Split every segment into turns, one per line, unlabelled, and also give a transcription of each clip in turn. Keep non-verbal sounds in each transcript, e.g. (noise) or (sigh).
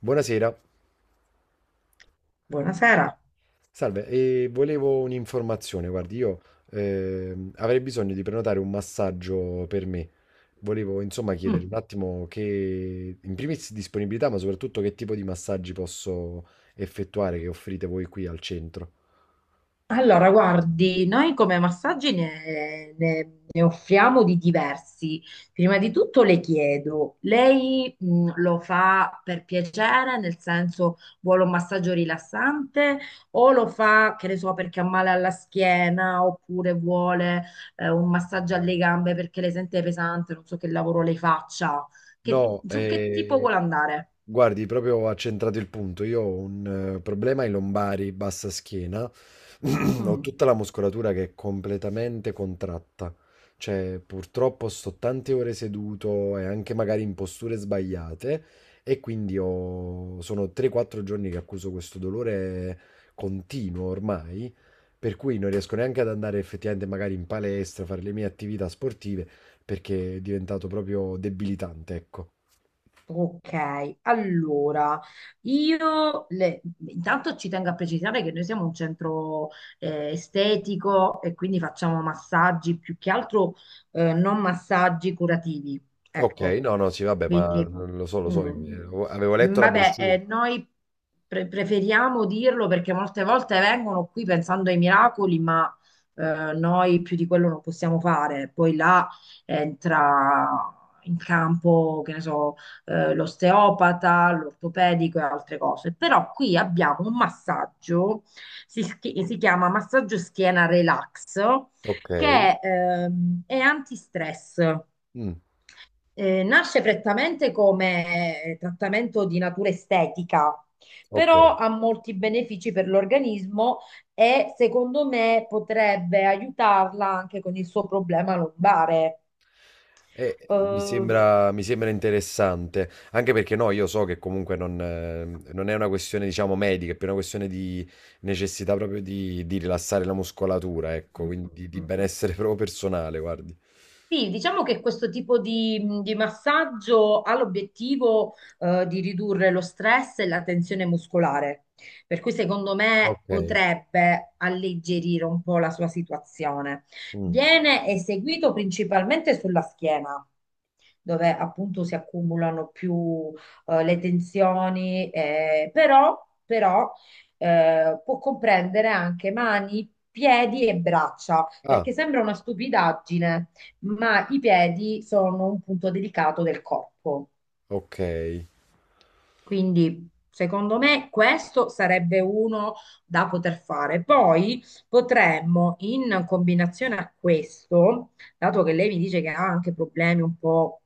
Buonasera,
Buonasera.
salve, e volevo un'informazione. Guardi, io avrei bisogno di prenotare un massaggio per me. Volevo insomma chiedere
Mm.
un attimo che, in primis, disponibilità, ma soprattutto che tipo di massaggi posso effettuare, che offrite voi qui al centro.
Allora, guardi, noi come massaggi ne offriamo di diversi. Prima di tutto le chiedo, lei lo fa per piacere, nel senso vuole un massaggio rilassante o lo fa, che ne so, perché ha male alla schiena oppure vuole un massaggio alle gambe perché le sente pesante, non so che lavoro le faccia.
No,
Su che tipo
eh,
vuole andare?
guardi, proprio ha centrato il punto. Io ho un problema ai lombari, bassa schiena. (clears throat) Ho
Mm.
tutta la muscolatura che è completamente contratta. Cioè, purtroppo sto tante ore seduto e anche magari in posture sbagliate. E quindi sono 3-4 giorni che accuso questo dolore continuo ormai. Per cui non riesco neanche ad andare effettivamente magari in palestra, fare le mie attività sportive, perché è diventato proprio debilitante, ecco.
Ok, allora io le- intanto ci tengo a precisare che noi siamo un centro estetico e quindi facciamo massaggi più che altro non massaggi curativi,
Ok,
ecco.
no, no, sì, vabbè,
Quindi,
ma lo so,
mm,
avevo letto la
vabbè,
brochure.
noi preferiamo dirlo perché molte volte vengono qui pensando ai miracoli, ma noi più di quello non possiamo fare. Poi là entra in campo, che ne so, l'osteopata, l'ortopedico e altre cose. Però qui abbiamo un massaggio, si chiama massaggio schiena relax,
Ok.
che è antistress.
Mm.
Nasce prettamente come trattamento di natura estetica,
Ok.
però ha molti benefici per l'organismo e secondo me potrebbe aiutarla anche con il suo problema lombare. Eh,
Mi sembra interessante, anche perché no, io so che comunque non è una questione, diciamo, medica, è più una questione di necessità proprio di rilassare la muscolatura, ecco, quindi di benessere (laughs) proprio personale, guardi.
Sì, diciamo che questo tipo di massaggio ha l'obiettivo di ridurre lo stress e la tensione muscolare, per cui secondo me
Ok.
potrebbe alleggerire un po' la sua situazione.
Mm.
Viene eseguito principalmente sulla schiena, dove appunto si accumulano più le tensioni, però, può comprendere anche mani, piedi e braccia
Ah,
perché sembra una stupidaggine, ma i piedi sono un punto delicato del corpo.
ok.
Quindi, secondo me, questo sarebbe uno da poter fare. Poi potremmo, in combinazione a questo, dato che lei mi dice che ha anche problemi un po'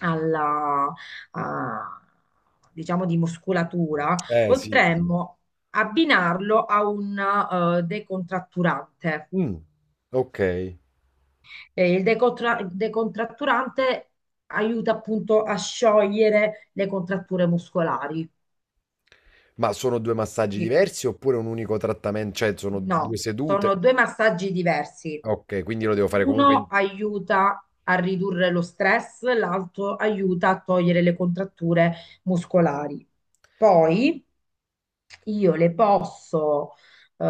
alla, a- diciamo, di muscolatura,
Sì, sì.
potremmo abbinarlo a un decontratturante.
Mm, ok.
Il decontratturante aiuta appunto a sciogliere le contratture muscolari.
Ma sono due massaggi
Quindi
diversi oppure un unico trattamento? Cioè, sono due
no,
sedute?
sono due massaggi diversi.
Ok, quindi lo devo fare comunque.
Uno aiuta a ridurre lo stress, l'altro aiuta a togliere le contratture muscolari. Poi io le posso eh,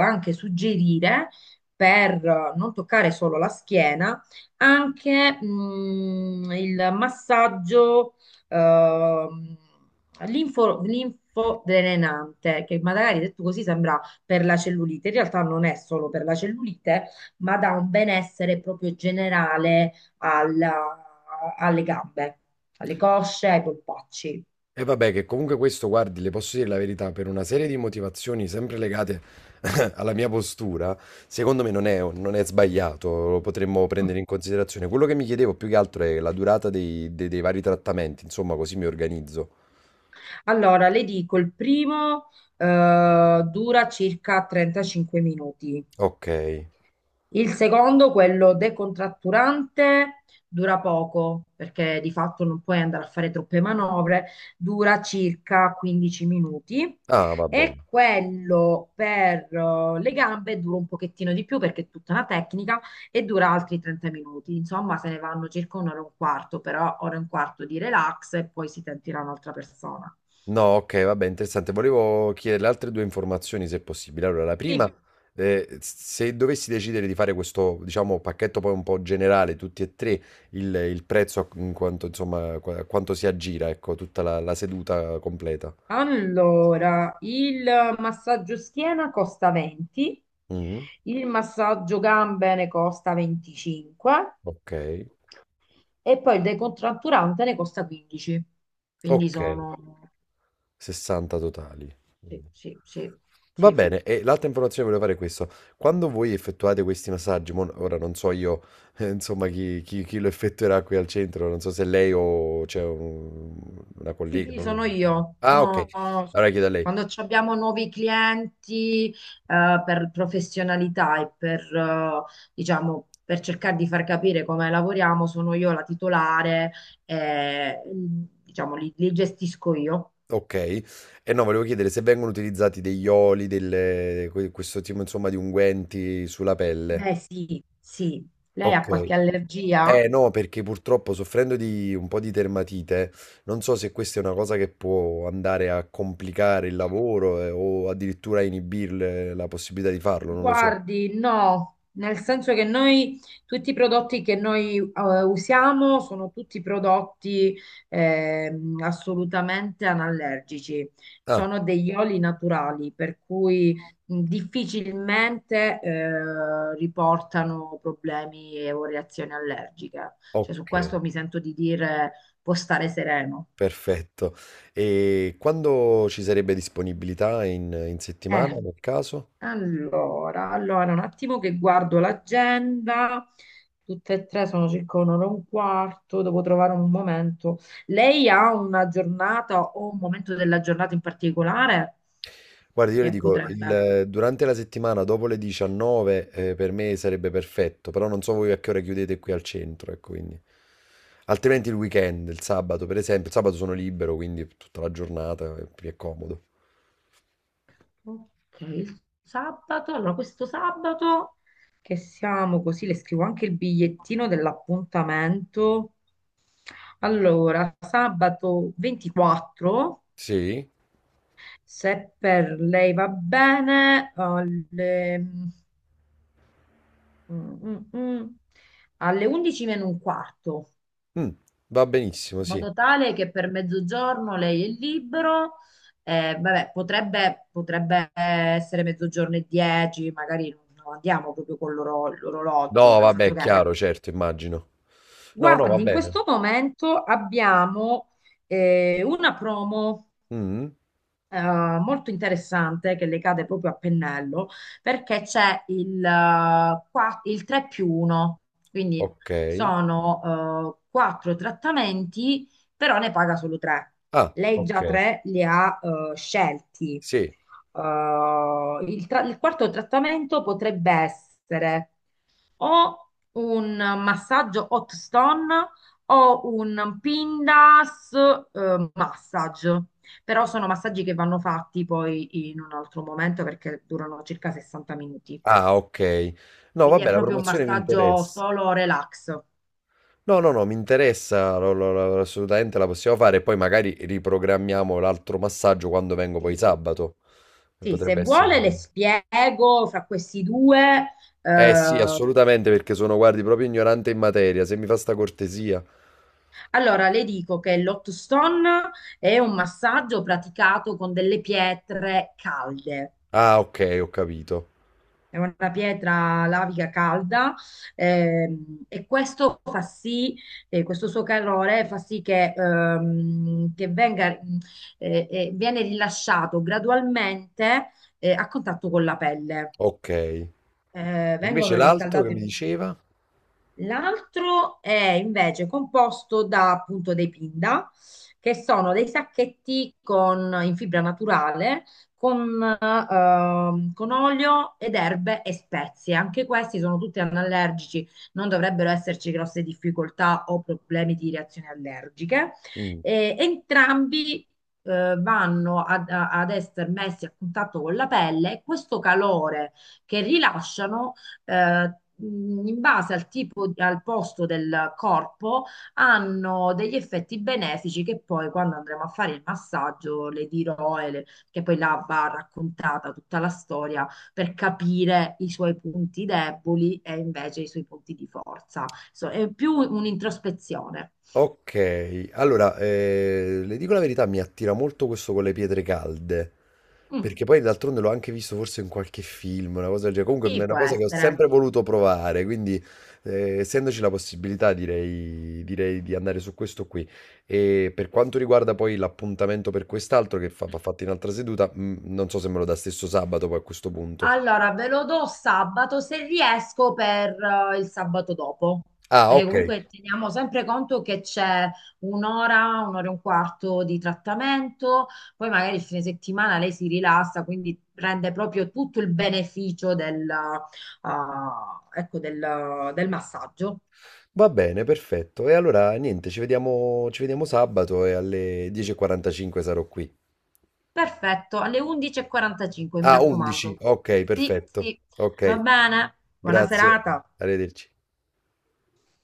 anche suggerire per non toccare solo la schiena, anche il massaggio ehm, linfodrenante, che magari detto così sembra per la cellulite. In realtà non è solo per la cellulite, ma dà un benessere proprio generale alla- alle gambe, alle cosce, ai polpacci.
E vabbè, che comunque questo, guardi, le posso dire la verità, per una serie di motivazioni sempre legate (laughs) alla mia postura, secondo me non è, non è sbagliato, lo potremmo prendere in considerazione. Quello che mi chiedevo più che altro è la durata dei, dei vari trattamenti, insomma, così mi organizzo.
Allora, le dico, il primo dura circa 35 minuti.
Ok.
Il secondo, quello decontratturante, dura poco, perché di fatto non puoi andare a fare troppe manovre, dura circa 15 minuti.
Ah, vabbè.
E quello per le gambe dura un pochettino di più perché è tutta una tecnica e dura altri 30 minuti. Insomma, se ne vanno circa un'ora e un quarto, però ora e un quarto di relax e poi si sentirà un'altra persona.
No, ok, vabbè, interessante. Volevo chiederle altre due informazioni, se possibile. Allora, la
Sì.
prima, se dovessi decidere di fare questo, diciamo, pacchetto poi un po' generale, tutti e tre, il prezzo in quanto, insomma, a quanto si aggira, ecco, tutta la seduta completa.
Allora, il massaggio schiena costa 20,
Mhm.
il massaggio gambe ne costa 25
Ok,
e poi il decontratturante ne costa 15. Quindi
ok.
sono.
60 totali,
Sì,
quindi.
sì, sì,
Va
sì.
bene, e l'altra informazione che volevo fare è questo. Quando voi effettuate questi massaggi, ora non so io, (laughs) insomma, chi lo effettuerà qui al centro. Non so se lei o c'è una
Sì,
collega.
sì, sono io.
Ah, ok, allora chiedo a lei.
Quando ci abbiamo nuovi clienti, per professionalità e per, diciamo, per cercare di far capire come lavoriamo, sono io la titolare e, diciamo, li gestisco io.
Ok, e no, volevo chiedere se vengono utilizzati degli oli, questo tipo, insomma, di unguenti sulla pelle.
Beh, sì, sì. Lei ha
Ok.
qualche allergia?
Eh no, perché purtroppo, soffrendo di un po' di dermatite, non so se questa è una cosa che può andare a complicare il lavoro o addirittura a inibirle la possibilità di farlo, non lo so.
Guardi, no, nel senso che noi tutti i prodotti che noi usiamo sono tutti prodotti assolutamente anallergici,
Ah,
sono degli oli naturali, per cui difficilmente riportano problemi o reazioni allergiche. Cioè, su
ok,
questo mi sento di dire può stare sereno.
perfetto. E quando ci sarebbe disponibilità in settimana,
Eh.
nel caso?
Allora, un attimo che guardo l'agenda. Tutte e tre sono circa un'ora e un quarto, devo trovare un momento. Lei ha una giornata o un momento della giornata in particolare
Guarda, io le
che
dico,
potrebbe.
durante la settimana dopo le 19 per me sarebbe perfetto, però non so voi a che ora chiudete qui al centro, ecco, quindi. Altrimenti il weekend, il sabato per esempio, il sabato sono libero, quindi tutta la giornata mi è più comodo.
Ok, il sabato. Allora, questo sabato che siamo così, le scrivo anche il bigliettino dell'appuntamento. Allora, sabato 24.
Sì?
Se per lei va bene, alle, mm, mm, mm, alle 11 meno un quarto,
Mm, va benissimo,
in
sì.
modo tale che per mezzogiorno lei è libero. Vabbè, potrebbe essere mezzogiorno e 10, magari non andiamo proprio con l'orologio,
No,
nel
vabbè,
senso
è
che,
chiaro, certo, immagino. No, no, va
guardi, in
bene.
questo momento abbiamo una promo,
Mm,
molto interessante che le cade proprio a pennello perché c'è il 3 più 1, quindi
ok.
sono quattro trattamenti, però ne paga solo tre.
Ah,
Lei
ok.
già tre li ha scelti.
Sì.
Il quarto trattamento potrebbe essere o un massaggio hot stone o un Pindas massage. Però sono massaggi che vanno fatti poi in un altro momento perché durano circa 60 minuti.
Ah, ok. No,
Quindi
vabbè,
è
la
proprio un
promozione mi
massaggio
interessa.
solo relax.
No, no, no, mi interessa, assolutamente la possiamo fare e poi magari riprogrammiamo l'altro massaggio quando vengo poi
Sì,
sabato. Che
sì, se
potrebbe essere
vuole le
un'idea.
spiego fra questi due.
Eh sì,
eh,
assolutamente, perché sono, guardi, proprio ignorante in materia, se mi fa sta cortesia.
allora, le dico che l'hot stone è un massaggio praticato con delle pietre calde.
Ah, ok, ho capito.
È una pietra lavica calda ehm, e questo fa sì, questo suo calore fa sì che, viene rilasciato gradualmente a contatto con la pelle.
Ok. Invece
Vengono
l'altro che mi
riscaldate.
diceva?
L'altro è invece composto da appunto dei pinda, che sono dei sacchetti in fibra naturale con olio ed erbe e spezie. Anche questi sono tutti anallergici, non dovrebbero esserci grosse difficoltà o problemi di reazioni allergiche.
Mm.
E entrambi vanno ad essere messi a contatto con la pelle e questo calore che rilasciano eh, in base al tipo, al posto del corpo, hanno degli effetti benefici che poi quando andremo a fare il massaggio le dirò, e che poi là va raccontata tutta la storia per capire i suoi punti deboli e invece i suoi punti di forza. È più un'introspezione.
Ok, allora, le dico la verità, mi attira molto questo con le pietre calde,
Mm,
perché poi d'altronde l'ho anche visto forse in qualche film, una cosa del genere, comunque è
sì,
una
può
cosa che ho
essere.
sempre voluto provare, quindi essendoci la possibilità direi, direi di andare su questo qui. E per quanto riguarda poi l'appuntamento per quest'altro che va fatto in altra seduta, non so se me lo dà stesso sabato poi, a questo punto.
Allora, ve lo do sabato se riesco per il sabato dopo.
Ah,
Perché
ok.
comunque teniamo sempre conto che c'è un'ora, un'ora e un quarto di trattamento, poi magari il fine settimana lei si rilassa, quindi prende proprio tutto il beneficio ecco, del massaggio.
Va bene, perfetto. E allora niente, ci vediamo sabato e alle 10:45 sarò qui.
Perfetto, alle 11:45, mi
Ah, esatto. 11.
raccomando.
Ok,
Sì,
perfetto.
sì,
Ok,
va bene. Buona
grazie.
serata.
Arrivederci.